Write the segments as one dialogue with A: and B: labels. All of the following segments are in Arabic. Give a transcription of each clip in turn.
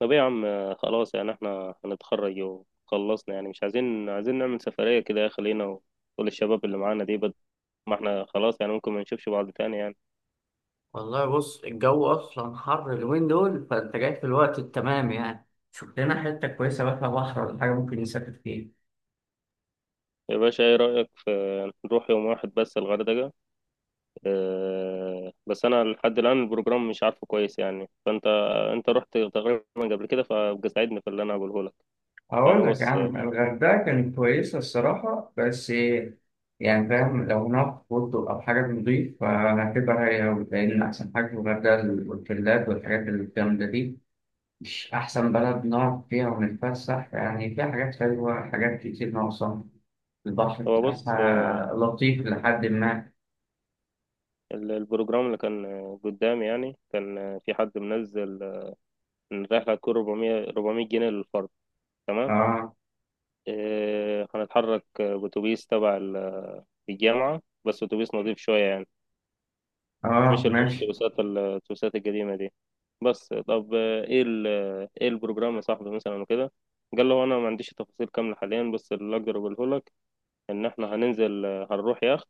A: طب ايه يا عم، خلاص يعني احنا هنتخرج وخلصنا. يعني مش عايزين نعمل سفرية كده، يا خلينا، وكل الشباب اللي معانا دي. ما احنا خلاص، يعني ممكن ما نشوفش بعض تاني يعني.
B: والله بص الجو اصلا حر اليومين دول فانت جاي في الوقت التمام يعني. شوف لنا حته كويسه بقى فيها بحر ولا حاجه ممكن نسافر فيها.
A: يا باشا، ايه رأيك في نروح يوم واحد بس الغردقة؟ اه... بس انا لحد الآن البروجرام مش عارفه كويس، يعني فانت انت رحت تقريبا قبل كده، فابقى ساعدني في اللي انا هقوله لك. يعني
B: أقول لك يا
A: بص
B: عم
A: آه،
B: الغردقة كانت كويسة الصراحة، بس يعني فاهم لو هناك فندق أو حاجة نضيف فهتبقى هي أوي، لأن أحسن حاجة في الغردقة الأوتيلات والحاجات الجامدة دي. مش أحسن بلد نقعد فيها ونتفسح، يعني فيها حاجات حلوة حاجات كتير ناقصة. البحر
A: هو بص،
B: بتاعها لطيف لحد ما.
A: البروجرام اللي كان قدامي، يعني كان في حد منزل ان الرحلة هتكون 400 جنيه للفرد، تمام.
B: آه.
A: إيه، هنتحرك بأتوبيس تبع الجامعة، بس أتوبيس نظيف شوية يعني،
B: اه
A: مش اللي هو
B: ماشي.
A: الأتوبيسات الأتوبيسات القديمة دي. بس طب، إيه البروجرام يا صاحبي مثلا وكده. قال له أنا ما عنديش تفاصيل كاملة حاليا، بس اللي أقدر أقوله لك إن إحنا هننزل، هنروح يخت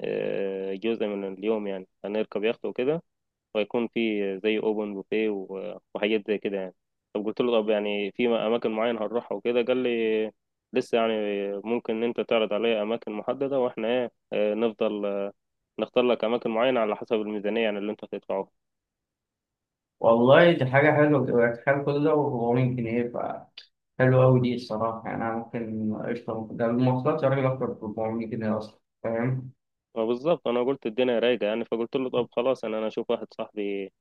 A: جزء من اليوم، يعني هنركب يخت وكده، ويكون في زي اوبن بوفيه وحاجات زي كده يعني. طب قلت له طب يعني في اماكن معينه هنروحها وكده، قال لي لسه يعني، ممكن ان انت تعرض عليا اماكن محدده، واحنا ايه آه، نفضل، نختار لك اماكن معينه على حسب الميزانيه، يعني اللي انت هتدفعه.
B: والله دي حاجة حلوة، تبقى تخيل كل ده و400 جنيه، فحلوة أوي دي الصراحة. يعني أنا ممكن قشطة ده المواصلات يا راجل أكتر ب 400 جنيه أصلا فاهم.
A: فبالظبط انا قلت الدنيا رايقه، يعني فقلت له طب خلاص، انا اشوف واحد صاحبي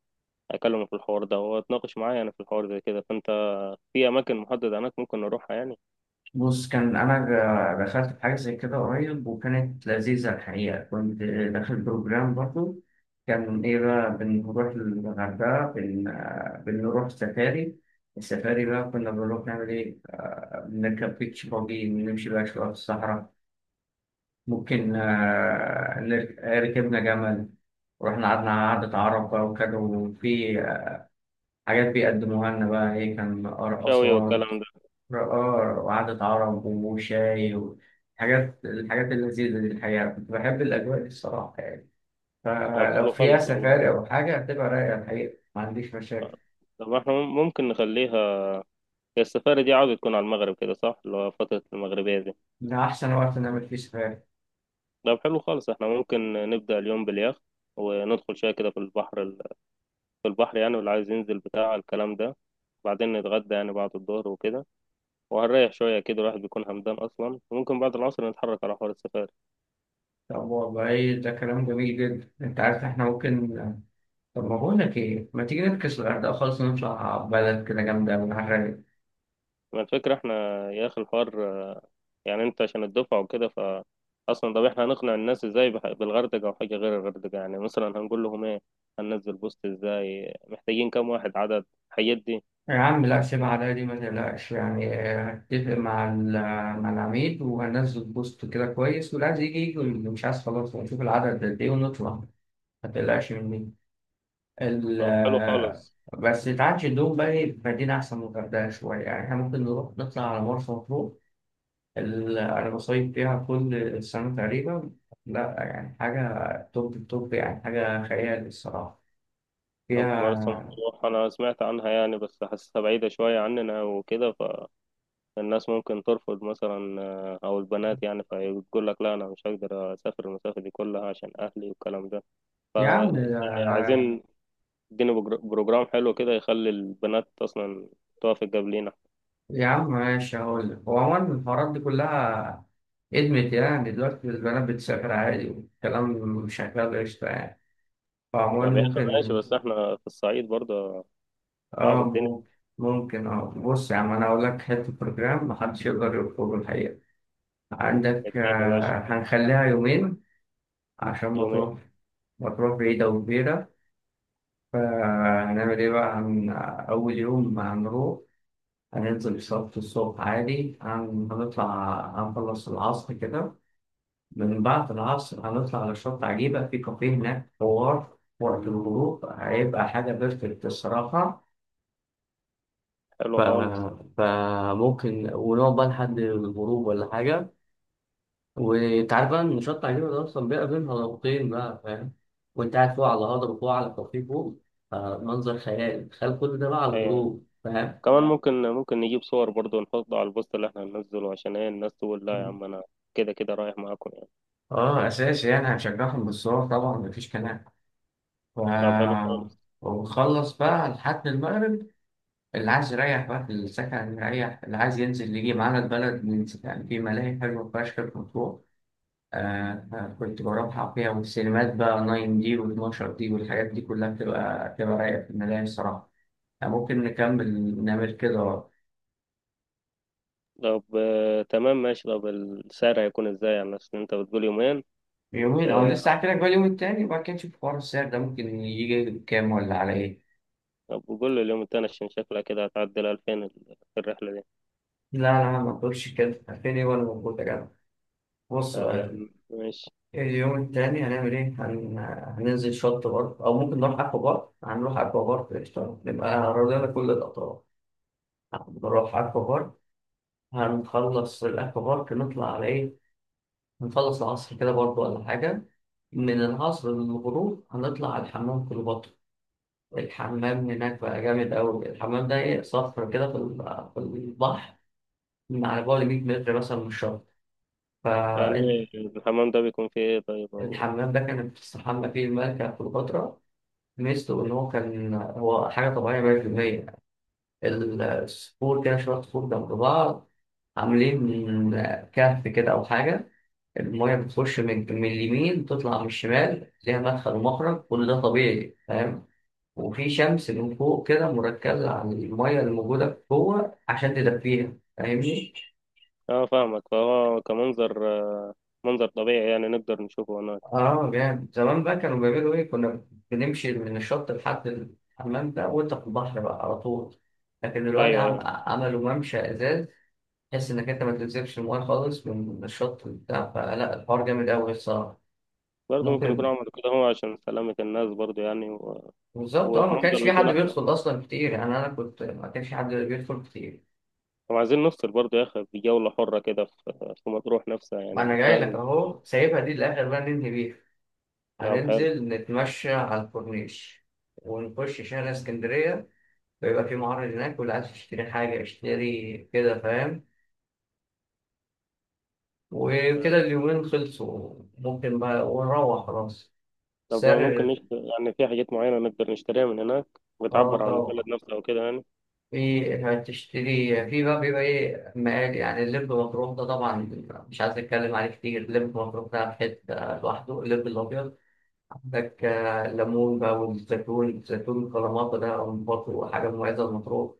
A: اكلمه في الحوار ده، واتناقش معاه يعني في الحوار ده كده، فانت في اماكن محدده هناك ممكن نروحها يعني.
B: بص كان دخلت في حاجة زي كده قريب وكانت لذيذة الحقيقة، كنت داخل بروجرام برضه. كان إيه بقى بنروح الغردقة بنروح سفاري. السفاري بقى كنا بنروح نعمل إيه، آه، بنركب بيتش باجي ونمشي بقى شوية في الصحراء. ممكن آه، نر- ركبنا جمل ورحنا قعدنا قعدة عرب بقى وكده، وفي حاجات بيقدموها لنا بقى إيه، كان
A: شاوي
B: رقصات
A: والكلام ده.
B: رقار وقعدة عرب وشاي وحاجات الحاجات اللذيذة دي الحقيقة، كنت بحب الأجواء دي الصراحة. يعني
A: طب
B: فلو
A: حلو
B: فيها
A: خالص والله.
B: سفاري أو حاجة هتبقى رايقة الحقيقة، ما عنديش مشاكل.
A: طب احنا ممكن نخليها، هي السفاري دي عاوزة تكون على المغرب كده صح، اللي هو فترة المغربية دي.
B: ده أحسن وقت نعمل فيه سفاري.
A: طب حلو خالص، احنا ممكن نبدأ اليوم باليخت، وندخل شوية كده في البحر في البحر يعني، واللي عايز ينزل بتاع الكلام ده، وبعدين نتغدى يعني بعد الظهر وكده، وهنريح شوية كده، الواحد بيكون همدان أصلا، وممكن بعد العصر نتحرك على حوار السفاري.
B: طب والله ده كلام جميل جدا. أنت عارف إحنا ممكن، طب ما بقول لك ايه، ما تيجي نفكس الغردقه خالص ونطلع بلد كده جامده من الغردقه.
A: ما الفكرة احنا يا أخي الحوار، يعني أنت عشان الدفعة وكده، أصلا طب احنا هنقنع الناس ازاي بالغردقة أو حاجة غير الغردقة، يعني مثلا هنقول لهم ايه، هننزل بوست ازاي، محتاجين كام واحد، عدد الحاجات دي.
B: يا عم لا، سيب على دي ما تقلقش يعني، هتفق مع مع العميد وهنزل بوست كده كويس، واللي عايز يجي يجي واللي مش عايز خلاص، ونشوف العدد قد ايه ونطلع. ما تقلقش مني. ال
A: طب حلو
B: آه،
A: خالص.
B: بس تعالش الدوم بقى إيه، في مدينة أحسن من الغردقة شوية، يعني إحنا ممكن نروح نطلع على مرسى مطروح. أنا بصيف فيها كل سنة تقريبا، لا يعني حاجة توب التوب، يعني حاجة خيال الصراحة.
A: طب مرسى
B: يا
A: مطروح أنا سمعت عنها يعني، بس حاسسها بعيدة شوية عننا وكده، فالناس ممكن ترفض مثلا، أو البنات يعني، فيقول لك لا أنا مش هقدر أسافر المسافة دي كلها عشان أهلي والكلام ده.
B: يا عم
A: يعني عايزين يديني بروجرام حلو كده، يخلي البنات أصلا توافق قبلينا.
B: يا عم ماشي، هقول لك هو عموما الحوارات دي كلها ادمت يعني، دلوقتي البنات بتسافر عادي والكلام شغال قشطة يعني، فعموما
A: طب يا أخي ماشي،
B: ممكن.
A: بس إحنا في الصعيد برضه، صعب
B: اه
A: الدنيا.
B: ممكن بص يا عم انا هقول لك حتة بروجرام محدش يقدر يرفضه الحقيقة. عندك
A: الدنيا يا باشا،
B: هنخليها يومين عشان
A: يومين،
B: ما تروح بعيدة وكبيرة. فهنعمل ايه بقى هن... آه، أول يوم هنروح، هننزل صلاة الصبح عادي، هنطلع، هنخلص العصر كده. من بعد العصر هنطلع على شط عجيبة، في كافيه هناك حوار وقت الغروب هيبقى حاجة بيرفكت الصراحة.
A: حلو
B: ف...
A: خالص.
B: فممكن ونقعد بقى لحد الغروب ولا حاجة. وأنت عارف بقى إن شط عجيبة ده أصلا بيبقى بين هضبتين بقى فاهم، وأنت قاعد فوق على هضبة، فوق على كافيه فوق، منظر خيال. تخيل كل ده بقى على
A: أيوة،
B: الغروب فاهم؟
A: كمان ممكن نجيب صور برضو نحطه على البوست اللي احنا هننزله، عشان ايه الناس تقول لا يا عم انا كده كده رايح معاكم يعني.
B: اه اساسي، يعني هنشجعهم بالصور طبعا مفيش كلام. ف...
A: طب حلو خالص.
B: وبخلص بقى لحد المغرب، اللي عايز يريح بقى في السكن يريح، اللي عايز ينزل يجي معانا البلد ننزل يعني، في ملاهي حلوة فشخ في مطروح. كنت بروحها فيها، والسينمات بقى 9 دي و12 دي والحاجات دي كلها بتبقى رايقة في الملاهي الصراحة. يعني ممكن نكمل نعمل كده
A: طب تمام ماشي، طب السعر هيكون ازاي يعني، اصل انت بتقول يومين.
B: يومين. أو
A: آه.
B: لسه، هحكي لك بقى اليوم التاني وبعد كده نشوف حوار السعر ده ممكن يجي بكام ولا على إيه.
A: طب قول لي اليوم التاني عشان شكلها كده هتعدي ال 2000 في الرحلة دي.
B: لا لا، ما تقولش كده، فين إيه وأنا موجود يا جدع؟ بص،
A: طب يا عم ماشي.
B: اليوم التاني هنعمل إيه؟ هننزل شط برضه أو ممكن نروح أكوا بارك، هنروح أكوا بارك قشطة، نبقى رضينا كل الأطراف، نروح أكوا بارك، هنخلص الأكوا بارك نطلع على إيه؟ هنخلص العصر كده برضه ولا حاجة، من العصر للغروب هنطلع على الحمام كليوباترا. الحمام هناك بقى جامد أوي، الحمام ده إيه، صخرة كده في في البحر، من على بعد 100 متر مثلا من الشط، فأنت.
A: يعني الحمام ده بيكون فيه ايه طيب أو...
B: الحمام ده كانت بتستحمى فيه الملكة كليوباترا. ميزته إن هو كان، هو حاجة طبيعية 100%. الصخور كده شوية صخور جنب بعض، عاملين من كهف كده أو حاجة، المية بتخش من اليمين تطلع من الشمال، ليها مدخل ومخرج، كل ده طبيعي فاهم. وفي شمس من فوق كده مركزة على المية اللي موجودة جوه عشان تدفيها فاهمني؟
A: اه، فاهمك، فهو كمنظر، منظر طبيعي يعني نقدر نشوفه هناك.
B: اه جامد. زمان بقى كانوا بيعملوا ايه، كنا بنمشي من الشط لحد الحمام ده وانت في البحر بقى على طول. لكن دلوقتي
A: ايوه يعني،
B: عملوا ممشى ازاز، تحس انك انت ما تنزلش المويه خالص من الشط بتاع، فلا الحوار جامد قوي الصراحه.
A: برضه ممكن يكون
B: ممكن.
A: عملوا كده هو عشان سلامة الناس برضه يعني،
B: بالظبط اه، ما
A: والمنظر
B: كانش في
A: بيكون
B: حد
A: احلى.
B: بيدخل اصلا كتير يعني، انا كنت ما كانش في حد بيدخل كتير.
A: طب عايزين نفصل برضه يا اخي بجولة حرة كده في مطروح نفسها،
B: ما انا
A: يعني
B: جاي لك
A: فاهم.
B: اهو، سايبها دي الاخر بقى ننهي بيها.
A: لا، حلو.
B: هننزل نتمشى على الكورنيش، ونخش شارع اسكندريه، ويبقى في معرض هناك، واللي عايز يشتري حاجه اشتري كده فاهم. وكده اليومين خلصوا ممكن بقى ونروح خلاص.
A: طب ممكن
B: سر.
A: نشت... يعني في حاجات معينة نقدر نشتريها من هناك
B: اه
A: بتعبر عن البلد
B: طبعا،
A: نفسها وكده يعني؟
B: في هتشتري في بقى، بيبقى ايه مقال يعني، اللب مطروح ده طبعا مش عايز اتكلم عليه كتير، اللب مطروح ده في حته لوحده، اللب الابيض. عندك ليمون بقى والزيتون، الزيتون كلاماتا ده برضه حاجه مميزه لمطروح.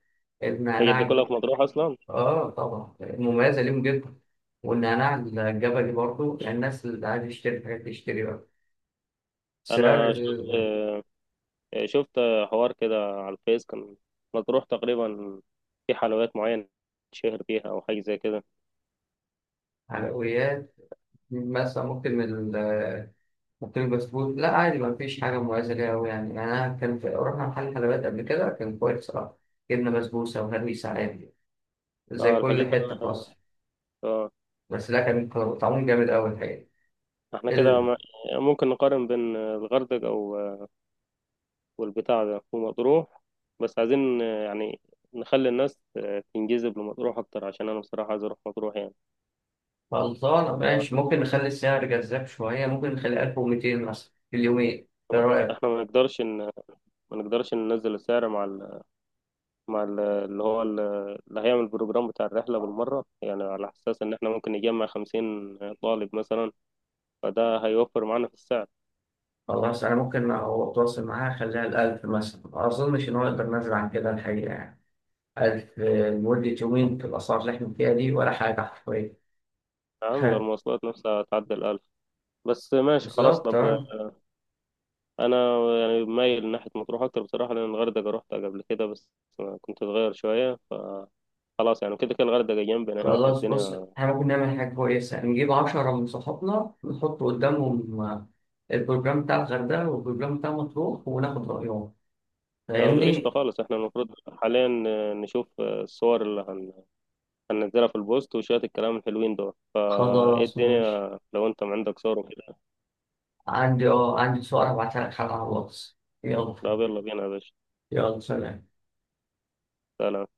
A: الحاجات دي
B: النعناع،
A: كلها في مطروح أصلا.
B: اه طبعا مميزه ليهم جدا. والنعناع الجبلي برضه، الناس اللي عايزه تشتري حاجات تشتري بقى. سعر.
A: أنا شفت، شفت حوار كده على الفيس، كان مطروح تقريبا في حلويات معينة شهر بيها أو حاجة زي كده.
B: الحلويات مثلا، ممكن محطين البسكوت، لا عادي ما فيش حاجة مميزة ليها أوي يعني. أنا كان في رحنا محل حلويات قبل كده كان كويس صراحة، جبنا بسبوسة وهريسة عادي زي
A: اه، الحاجات
B: كل حتة في
A: اللي...
B: مصر،
A: اه.
B: بس لا كان طعمهم جامد أوي الحقيقة.
A: احنا كده
B: ال-
A: ممكن نقارن بين الغردقة والبتاع ده ومطروح، بس عايزين، يعني نخلي الناس تنجذب لمطروح أكتر، عشان أنا بصراحة عايز أروح مطروح يعني.
B: خلصانة ماشي.
A: آه،
B: ممكن نخلي السعر جذاب شوية، ممكن نخليه 1200 مثلا في اليومين، إيه رأيك؟
A: إحنا ما نقدرش ننزل السعر مع ال... مع ال... اللي هو ال... اللي هيعمل البروجرام بتاع الرحلة بالمرة، يعني على أساس إن إحنا ممكن نجمع 50 طالب مثلا، فده هيوفر معانا في السعر.
B: خلاص، أنا ممكن أتواصل معاها أخليها الألف مثلا، ما أظنش إن هو يقدر نزل عن كده الحقيقة يعني، ألف لمدة يومين في الأسعار اللي إحنا فيها دي ولا حاجة حرفيا.
A: نعم ده المواصلات نفسها هتعدي الألف. بس ماشي خلاص،
B: بالظبط
A: طب.
B: آه.
A: أنا يعني مايل ناحية مطروح أكتر بصراحة، لأن الغردقة روحتها قبل كده بس كنت صغير شوية، خلاص يعني كده كده الغردقة جنبنا هنا
B: خلاص بص،
A: فالدنيا.
B: احنا ممكن نعمل حاجة كويسة، نجيب 10 من صحابنا نحط قدامهم البروجرام بتاع الغردقة والبروجرام بتاع مطروح وناخد رأيهم،
A: لو قشطة
B: فاهمني؟
A: خالص، احنا المفروض حاليا نشوف الصور اللي هننزلها في البوست وشوية الكلام الحلوين دول، فايه
B: خلاص ماشي.
A: الدنيا لو انت عندك صور وكده.
B: عندي صور هبعتها لك على الواتس. يلا.
A: طب يلا بينا يا باشا،
B: يلا سلام.
A: سلام.